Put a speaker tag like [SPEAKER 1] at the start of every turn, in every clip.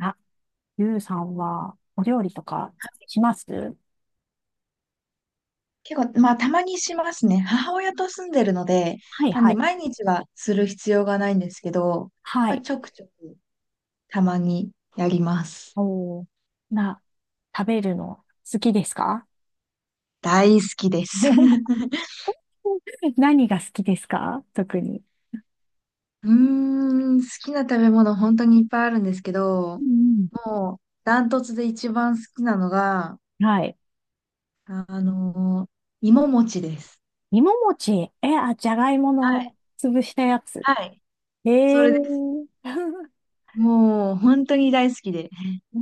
[SPEAKER 1] あ、ゆうさんはお料理とかします？
[SPEAKER 2] 結構、まあ、たまにしますね。母親と住んでるので、
[SPEAKER 1] はい
[SPEAKER 2] なん
[SPEAKER 1] は
[SPEAKER 2] で、
[SPEAKER 1] い。
[SPEAKER 2] 毎日はする必要がないんですけど、
[SPEAKER 1] は
[SPEAKER 2] まあ、
[SPEAKER 1] い。
[SPEAKER 2] ちょくちょく、たまにやります。
[SPEAKER 1] おー、な、食べるの好きですか？
[SPEAKER 2] 大好きです。
[SPEAKER 1] 何が好きですか、特に？
[SPEAKER 2] うーん、好きな食べ物、本当にいっぱいあるんですけ
[SPEAKER 1] う
[SPEAKER 2] ど、
[SPEAKER 1] ん
[SPEAKER 2] もう、ダントツで一番好きなのが、
[SPEAKER 1] うん、はい。
[SPEAKER 2] あのー芋餅です。
[SPEAKER 1] 芋餅。え、あ、じゃがいも
[SPEAKER 2] はい。
[SPEAKER 1] の潰したやつ。
[SPEAKER 2] はい。そ
[SPEAKER 1] ええ
[SPEAKER 2] れです。
[SPEAKER 1] ー。
[SPEAKER 2] もう、本当に大好きで。
[SPEAKER 1] うー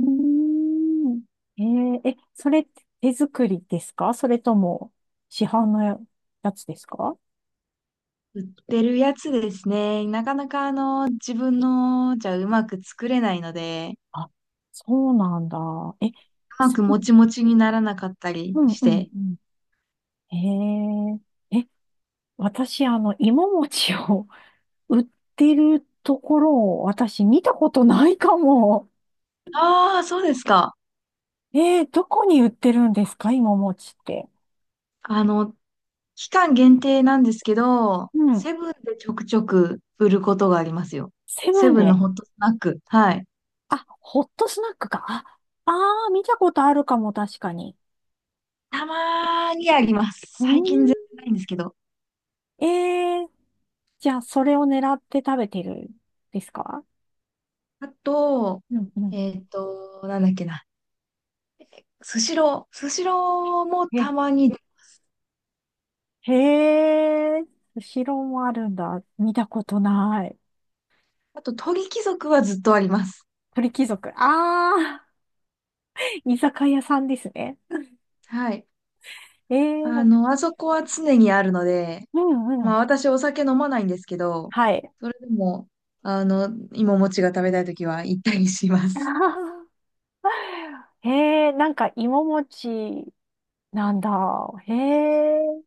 [SPEAKER 1] ん。ええ、それって手作りですか、それとも市販のやつですか？
[SPEAKER 2] 売ってるやつですね。なかなか自分のじゃうまく作れないので、
[SPEAKER 1] あ、そうなんだ。え、
[SPEAKER 2] うま
[SPEAKER 1] そ
[SPEAKER 2] くもちもちにならなかったり
[SPEAKER 1] うん
[SPEAKER 2] し
[SPEAKER 1] うん
[SPEAKER 2] て。
[SPEAKER 1] うん。へえ。え、私、あの、芋餅を 売ってるところを私見たことないかも。
[SPEAKER 2] ああ、そうですか。
[SPEAKER 1] どこに売ってるんですか、芋餅って？
[SPEAKER 2] あの、期間限定なんですけど、
[SPEAKER 1] うん。
[SPEAKER 2] セブンでちょくちょく売ることがありますよ。
[SPEAKER 1] セブ
[SPEAKER 2] セ
[SPEAKER 1] ン
[SPEAKER 2] ブンの
[SPEAKER 1] で。
[SPEAKER 2] ホットスナック。はい。
[SPEAKER 1] あ、ホットスナックか。あ、あー、見たことあるかも、確かに。
[SPEAKER 2] たまーにあります。
[SPEAKER 1] う
[SPEAKER 2] 最近全然
[SPEAKER 1] ー
[SPEAKER 2] ないんですけど。
[SPEAKER 1] ん。じゃあ、それを狙って食べてるですか？
[SPEAKER 2] あと、
[SPEAKER 1] うんうん。
[SPEAKER 2] なんだっけな。スシロー。スシローも
[SPEAKER 1] へ、
[SPEAKER 2] たまに。
[SPEAKER 1] へえ、後ろもあるんだ。見たことない。
[SPEAKER 2] あと、鳥貴族はずっとあります。
[SPEAKER 1] 鳥貴族。あー、居酒屋さんですね。
[SPEAKER 2] はい。
[SPEAKER 1] えー、
[SPEAKER 2] あそこは常にあるので、
[SPEAKER 1] うんう
[SPEAKER 2] まあ
[SPEAKER 1] ん。
[SPEAKER 2] 私お酒飲まないんですけど、
[SPEAKER 1] はい。
[SPEAKER 2] それでも、あの、芋餅が食べたいときは行ったりしま す。
[SPEAKER 1] あー、なんか芋餅なんだ。へえ。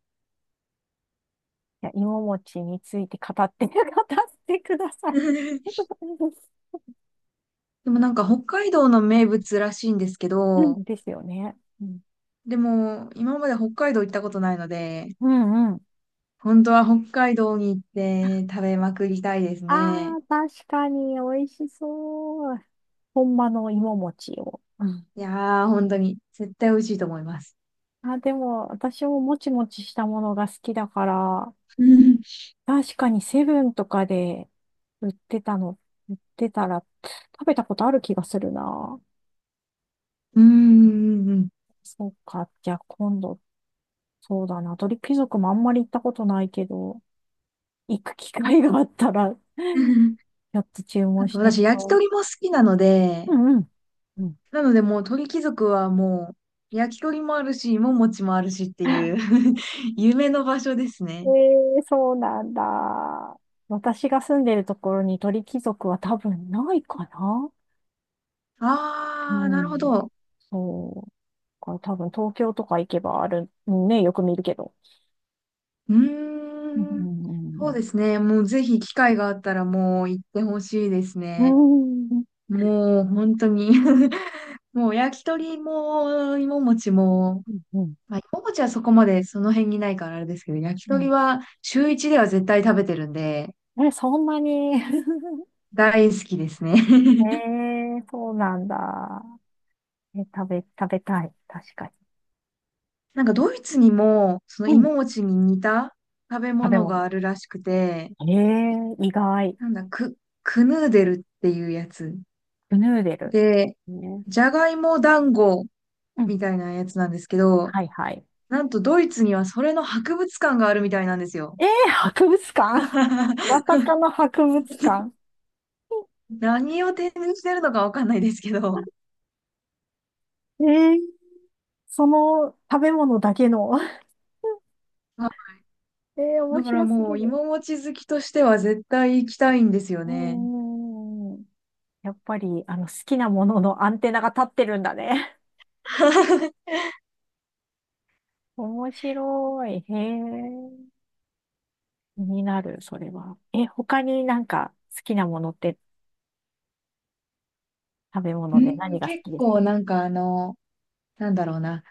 [SPEAKER 1] いや、芋餅について語って、語ってください。
[SPEAKER 2] でもなんか北海道の名物らしいんですけ
[SPEAKER 1] う
[SPEAKER 2] ど、
[SPEAKER 1] んですよね。うん、
[SPEAKER 2] でも今まで北海道行ったことないので、
[SPEAKER 1] うんうん。
[SPEAKER 2] 本当は北海道に行って食べまくりたいです
[SPEAKER 1] あ
[SPEAKER 2] ね。
[SPEAKER 1] ー、確かに美味しそう。本場の芋餅を。うん、
[SPEAKER 2] いやー、本当に絶対美味しいと思います。
[SPEAKER 1] あ、でも、私ももちもちしたものが好きだから、
[SPEAKER 2] うん。
[SPEAKER 1] 確かにセブンとかで売ってたの、売ってたら食べたことある気がするな。
[SPEAKER 2] うんうんうん
[SPEAKER 1] そうか。じゃあ今度、そうだな。鳥貴族もあんまり行ったことないけど、行く機会があったら、ち
[SPEAKER 2] うん。
[SPEAKER 1] ょっと注
[SPEAKER 2] あ
[SPEAKER 1] 文し
[SPEAKER 2] と
[SPEAKER 1] てみ
[SPEAKER 2] 私焼き
[SPEAKER 1] よ
[SPEAKER 2] 鳥も好きなので、
[SPEAKER 1] う。うんうん。うん、
[SPEAKER 2] なのでもう鳥貴族はもう焼き鳥もあるし、芋餅もあるしっていう 夢の場所です
[SPEAKER 1] え
[SPEAKER 2] ね。
[SPEAKER 1] そうなんだ。私が住んでるところに鳥貴族は多分ないかな。う
[SPEAKER 2] あー、なるほ
[SPEAKER 1] ん。
[SPEAKER 2] ど。
[SPEAKER 1] そう。だから多分東京とか行けばある、ね、よく見るけど。
[SPEAKER 2] う
[SPEAKER 1] うんう
[SPEAKER 2] ーん。
[SPEAKER 1] んうんう
[SPEAKER 2] そう
[SPEAKER 1] ん、
[SPEAKER 2] ですね。もうぜひ機会があったらもう行ってほしいです
[SPEAKER 1] う
[SPEAKER 2] ね。
[SPEAKER 1] ーん、
[SPEAKER 2] もう本当に もう焼き鳥も芋餅も、
[SPEAKER 1] うん、うん、
[SPEAKER 2] まあ、芋餅はそこまでその辺にないからあれですけど、焼き鳥
[SPEAKER 1] う
[SPEAKER 2] は週一では絶対食べてるんで、
[SPEAKER 1] ん。え、そんなに。
[SPEAKER 2] 大好きですね。
[SPEAKER 1] え そうなんだ。え、食べたい。確かに。
[SPEAKER 2] なんかドイツにも、その
[SPEAKER 1] うん。
[SPEAKER 2] 芋餅に似た食べ
[SPEAKER 1] 食べ
[SPEAKER 2] 物
[SPEAKER 1] 物。
[SPEAKER 2] があるらしくて、
[SPEAKER 1] 意外。
[SPEAKER 2] なんだ、クヌーデルっていうやつ。
[SPEAKER 1] クヌーデル。
[SPEAKER 2] で、
[SPEAKER 1] ね。
[SPEAKER 2] じゃがいも団子
[SPEAKER 1] うん。
[SPEAKER 2] みたいなやつなんですけど、
[SPEAKER 1] はいはい。
[SPEAKER 2] なんとドイツにはそれの博物館があるみたいなんですよ。
[SPEAKER 1] 博物館、 まさかの博物館。
[SPEAKER 2] 何を展示してるのかわかんないですけど。
[SPEAKER 1] えー、その食べ物だけの。
[SPEAKER 2] あ、
[SPEAKER 1] 面
[SPEAKER 2] だから
[SPEAKER 1] 白す
[SPEAKER 2] も
[SPEAKER 1] ぎ
[SPEAKER 2] う
[SPEAKER 1] る。
[SPEAKER 2] 芋餅好きとしては絶対行きたいんですよ
[SPEAKER 1] う
[SPEAKER 2] ね。
[SPEAKER 1] ーん。やっぱり、好きなもののアンテナが立ってるんだね。面白い。へえ。気になる、それは。え、他になんか好きなものって、食べ
[SPEAKER 2] う
[SPEAKER 1] 物で何
[SPEAKER 2] ん、
[SPEAKER 1] が好
[SPEAKER 2] 結
[SPEAKER 1] きですか？
[SPEAKER 2] 構なんかなんだろうな。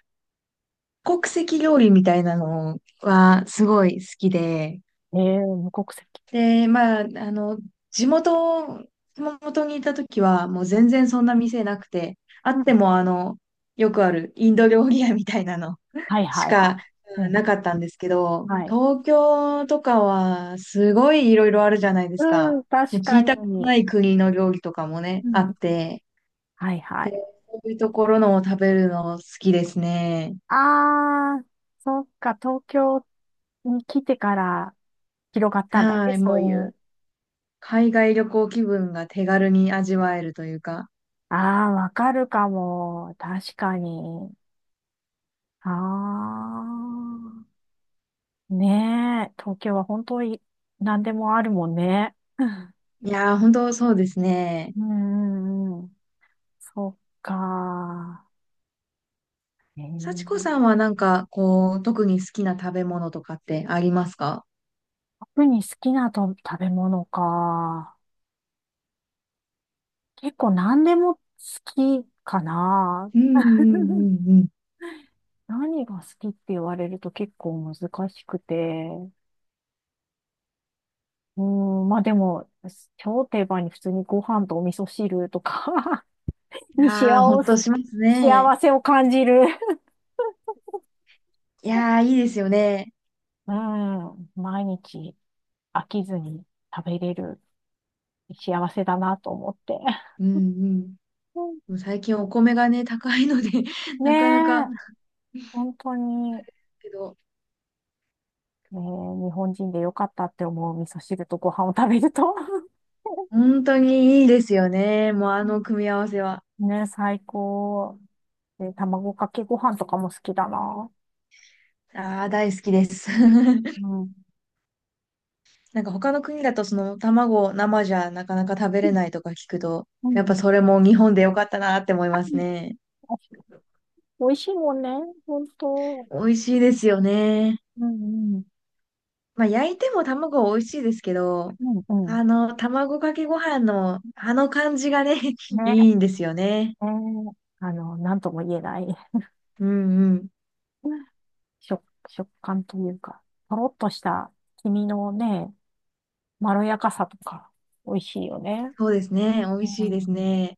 [SPEAKER 2] 国籍料理みたいなのはすごい好きで、
[SPEAKER 1] 無国籍。
[SPEAKER 2] で、まあ、の、地元、熊本にいた時はもう全然そんな店なくて、あ
[SPEAKER 1] う
[SPEAKER 2] っ
[SPEAKER 1] ん。
[SPEAKER 2] てもよくあるインド料理屋みたいなの
[SPEAKER 1] はい
[SPEAKER 2] し
[SPEAKER 1] はいは
[SPEAKER 2] か
[SPEAKER 1] い。う
[SPEAKER 2] うん
[SPEAKER 1] ん。
[SPEAKER 2] なかったんですけど、
[SPEAKER 1] はい。
[SPEAKER 2] 東京とかはすごいいろいろあるじゃないです
[SPEAKER 1] う
[SPEAKER 2] か。
[SPEAKER 1] ん、
[SPEAKER 2] も
[SPEAKER 1] 確
[SPEAKER 2] う聞
[SPEAKER 1] か
[SPEAKER 2] いたこと
[SPEAKER 1] に。
[SPEAKER 2] ない国の料理とかもね、
[SPEAKER 1] う
[SPEAKER 2] あ
[SPEAKER 1] ん。
[SPEAKER 2] って、
[SPEAKER 1] はいはい。
[SPEAKER 2] こういうところのを食べるの好きですね。
[SPEAKER 1] あー、そっか、東京に来てから広がったんだね、
[SPEAKER 2] はい、
[SPEAKER 1] そうい
[SPEAKER 2] も
[SPEAKER 1] う。
[SPEAKER 2] う。海外旅行気分が手軽に味わえるというか。
[SPEAKER 1] あー、わかるかも。確かに。あー。ねえ、東京は本当に何でもあるもんね。
[SPEAKER 2] いやー、本当そうですね。
[SPEAKER 1] うんうんうん。そっか。え
[SPEAKER 2] 幸子
[SPEAKER 1] ー、
[SPEAKER 2] さんはなんか、こう、特に好きな食べ物とかってありますか？
[SPEAKER 1] 特に好きなと食べ物か。結構何でも好きかな。
[SPEAKER 2] うんう んうんうん。
[SPEAKER 1] 何が好きって言われると結構難しくて。うん、まあでも、超定番に普通にご飯とお味噌汁とか、
[SPEAKER 2] い
[SPEAKER 1] に
[SPEAKER 2] やほんと
[SPEAKER 1] せ、
[SPEAKER 2] しますね。
[SPEAKER 1] 幸せを感じる。
[SPEAKER 2] いやー、いいですよね。
[SPEAKER 1] うん、毎日飽きずに食べれる幸せだなと思って。
[SPEAKER 2] うんうん。
[SPEAKER 1] うん、
[SPEAKER 2] もう最近お米がね、高いので
[SPEAKER 1] ね
[SPEAKER 2] なかなか、
[SPEAKER 1] え、本当に。
[SPEAKER 2] けど、
[SPEAKER 1] ねえ、日本人でよかったって思う、味噌汁とご飯を食べると。
[SPEAKER 2] 本当にいいですよね。もうあの組み合わせは。
[SPEAKER 1] ねえ、最高。で、卵かけご飯とかも好きだな。
[SPEAKER 2] ああ、大好きです。
[SPEAKER 1] うん。
[SPEAKER 2] なんか他の国だとその卵生じゃなかなか食べれないとか聞くと、
[SPEAKER 1] う
[SPEAKER 2] やっぱ
[SPEAKER 1] ん。
[SPEAKER 2] それも日本でよかったなって思いますね。
[SPEAKER 1] 美味しいもんね、本当。
[SPEAKER 2] 美味しいですよね。
[SPEAKER 1] うんうん。
[SPEAKER 2] まあ焼いても卵は美味しいですけど、
[SPEAKER 1] うんうん。
[SPEAKER 2] 卵かけご飯のあの感じがね、
[SPEAKER 1] ね、
[SPEAKER 2] いいんですよね。
[SPEAKER 1] えー、なんとも言えない、
[SPEAKER 2] うんうん。
[SPEAKER 1] 食、食感というか、とろっとした黄身のね、まろやかさとか、美味しいよね。
[SPEAKER 2] そうですね。美
[SPEAKER 1] う
[SPEAKER 2] 味しいです
[SPEAKER 1] ん。
[SPEAKER 2] ね。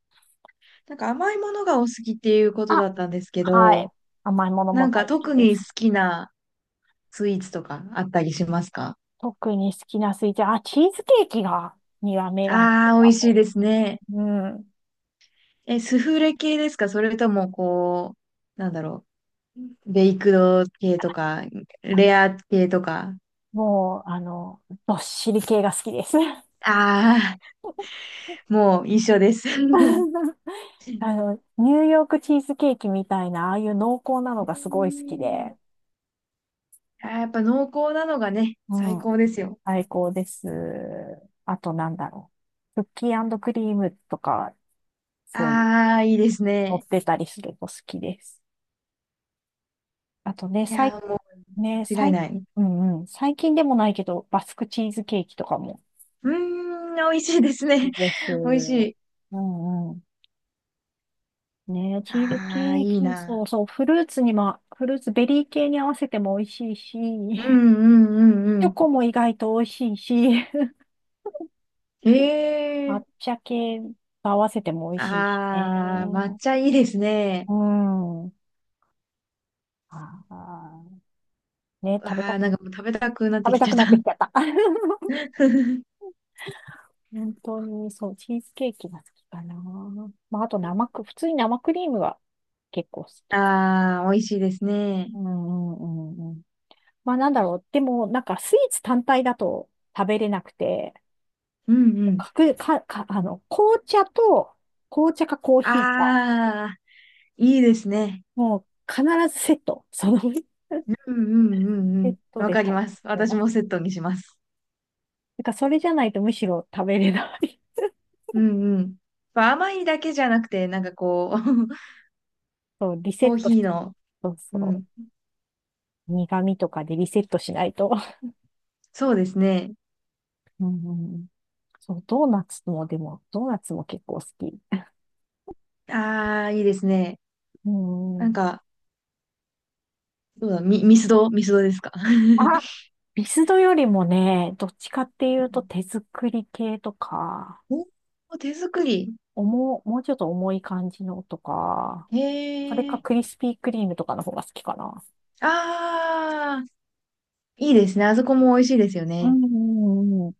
[SPEAKER 2] なんか甘いものがお好きっていうこと
[SPEAKER 1] あ、
[SPEAKER 2] だったんですけ
[SPEAKER 1] はい。
[SPEAKER 2] ど、
[SPEAKER 1] 甘いものも
[SPEAKER 2] なんか
[SPEAKER 1] 大好き
[SPEAKER 2] 特
[SPEAKER 1] で
[SPEAKER 2] に好
[SPEAKER 1] す。
[SPEAKER 2] きなスイーツとかあったりしますか？
[SPEAKER 1] 特に好きなスイーツ、あ、チーズケーキが、には目が出
[SPEAKER 2] ああー、美
[SPEAKER 1] た
[SPEAKER 2] 味しい
[SPEAKER 1] も
[SPEAKER 2] ですね。
[SPEAKER 1] ん。うん。
[SPEAKER 2] え、スフレ系ですか？それとも、こう、なんだろう。ベイクド系とか、
[SPEAKER 1] あの
[SPEAKER 2] レア系とか。
[SPEAKER 1] もう、どっしり系が好きです。
[SPEAKER 2] ああ、もう一緒です。う
[SPEAKER 1] ニューヨークチーズケーキみたいな、ああいう濃厚なのがすごい好き
[SPEAKER 2] ん、
[SPEAKER 1] で、
[SPEAKER 2] あーやっぱ濃厚なのがね、
[SPEAKER 1] う
[SPEAKER 2] 最
[SPEAKER 1] ん、
[SPEAKER 2] 高ですよ。
[SPEAKER 1] 最高です。あとなんだろう。クッキークリームとか、そういう、
[SPEAKER 2] ああ、いいです
[SPEAKER 1] 乗っ
[SPEAKER 2] ね。
[SPEAKER 1] てたりすると好きです。あとね、
[SPEAKER 2] い
[SPEAKER 1] 最、
[SPEAKER 2] やー、もう
[SPEAKER 1] ね、
[SPEAKER 2] 間違い
[SPEAKER 1] 最、
[SPEAKER 2] ない。
[SPEAKER 1] うんうん、最近でもないけど、バスクチーズケーキとかも
[SPEAKER 2] うーん、美味しいです
[SPEAKER 1] いい
[SPEAKER 2] ね。
[SPEAKER 1] です。
[SPEAKER 2] 美味しい。
[SPEAKER 1] うんうん。ね、チーズケ
[SPEAKER 2] ああ、
[SPEAKER 1] ー
[SPEAKER 2] いい
[SPEAKER 1] キ、
[SPEAKER 2] な。
[SPEAKER 1] そうそう、フルーツ、ベリー系に合わせても美味しいし、
[SPEAKER 2] うんう んうんう
[SPEAKER 1] チョ
[SPEAKER 2] ん。
[SPEAKER 1] コも意外と美味しいし、
[SPEAKER 2] へえ。
[SPEAKER 1] 抹茶系と合わせても美味しいしね。
[SPEAKER 2] ああ、抹茶いいですね。
[SPEAKER 1] うん。ああ、ね、
[SPEAKER 2] わ
[SPEAKER 1] 食べた、
[SPEAKER 2] あ、なんかもう食べたくなっ
[SPEAKER 1] 食
[SPEAKER 2] て
[SPEAKER 1] べ
[SPEAKER 2] き
[SPEAKER 1] た
[SPEAKER 2] ちゃ
[SPEAKER 1] く
[SPEAKER 2] った。
[SPEAKER 1] なってきちゃった。本当に、そう、チーズケーキが好きかな。まあ、あと普通に生クリームが結構好き。
[SPEAKER 2] ああ、美味しいですね。
[SPEAKER 1] うんうんうん。まあなんだろう。でも、なんかスイーツ単体だと食べれなくて、
[SPEAKER 2] うんうん。
[SPEAKER 1] かく、か、か、あの、紅茶かコー
[SPEAKER 2] あ
[SPEAKER 1] ヒーか、
[SPEAKER 2] あ、いいですね。
[SPEAKER 1] もう必ずセット、その、
[SPEAKER 2] うんうんうんう
[SPEAKER 1] セッ
[SPEAKER 2] ん。
[SPEAKER 1] ト
[SPEAKER 2] わ
[SPEAKER 1] で
[SPEAKER 2] かり
[SPEAKER 1] 食べ
[SPEAKER 2] ます。
[SPEAKER 1] て
[SPEAKER 2] 私
[SPEAKER 1] ます。
[SPEAKER 2] もセットにします。
[SPEAKER 1] なんかそれじゃないとむしろ食べれない。
[SPEAKER 2] うんうん。まあ甘いだけじゃなくて、なんかこう、
[SPEAKER 1] そう、リセ
[SPEAKER 2] コ
[SPEAKER 1] ッ
[SPEAKER 2] ー
[SPEAKER 1] トし、
[SPEAKER 2] ヒーの、
[SPEAKER 1] そう
[SPEAKER 2] う
[SPEAKER 1] そ
[SPEAKER 2] ん。
[SPEAKER 1] う。苦味とかでリセットしないと。
[SPEAKER 2] そうですね。
[SPEAKER 1] うん、そう、ドーナツも、でも、ドーナツも結構好き。
[SPEAKER 2] ああ、いいですね。
[SPEAKER 1] う
[SPEAKER 2] なん
[SPEAKER 1] ん。
[SPEAKER 2] か、どうだ、ミスドですか？
[SPEAKER 1] あ、ビスドよりもね、どっちかっていうと手作り系とか、
[SPEAKER 2] おお、手作り。
[SPEAKER 1] もうちょっと重い感じのとか、それ
[SPEAKER 2] へ
[SPEAKER 1] か
[SPEAKER 2] え。
[SPEAKER 1] クリスピークリームとかの方が好きかな。
[SPEAKER 2] ああ、いいですね。あそこも美味しいですよ
[SPEAKER 1] う
[SPEAKER 2] ね。
[SPEAKER 1] んうんうんうん。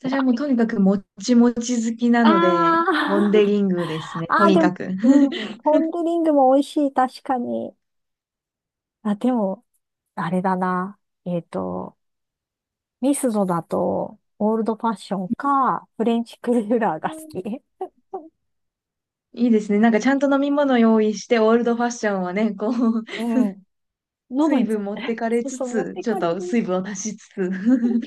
[SPEAKER 2] 私はもうとにかくもちもち好きな
[SPEAKER 1] あ
[SPEAKER 2] ので、ポンデリングです
[SPEAKER 1] あ、
[SPEAKER 2] ね。
[SPEAKER 1] あ
[SPEAKER 2] と
[SPEAKER 1] あ、
[SPEAKER 2] に
[SPEAKER 1] で
[SPEAKER 2] か
[SPEAKER 1] も、
[SPEAKER 2] く。
[SPEAKER 1] うん、ポン・デ・リングも美味しい、確かに。あ、でも、あれだな。えっと、ミスドだと、オールドファッションか、フレンチクルーラーが
[SPEAKER 2] う
[SPEAKER 1] 好
[SPEAKER 2] ん、
[SPEAKER 1] き。
[SPEAKER 2] いいですね。なんかちゃんと飲み物用意して、オールドファッションはね、こう、
[SPEAKER 1] うん。喉
[SPEAKER 2] 水
[SPEAKER 1] につい
[SPEAKER 2] 分
[SPEAKER 1] て、
[SPEAKER 2] 持って かれ
[SPEAKER 1] そう
[SPEAKER 2] つ
[SPEAKER 1] そう、持っ
[SPEAKER 2] つ、
[SPEAKER 1] て
[SPEAKER 2] ちょっ
[SPEAKER 1] かれ
[SPEAKER 2] と
[SPEAKER 1] る。
[SPEAKER 2] 水分を足しつつ。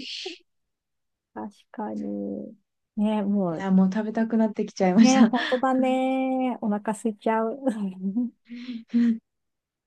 [SPEAKER 1] 確かに。ね、も
[SPEAKER 2] い
[SPEAKER 1] う、
[SPEAKER 2] や、もう食べたくなってきちゃいまし
[SPEAKER 1] ねえ、
[SPEAKER 2] た。
[SPEAKER 1] 本当だね。お腹空いちゃう。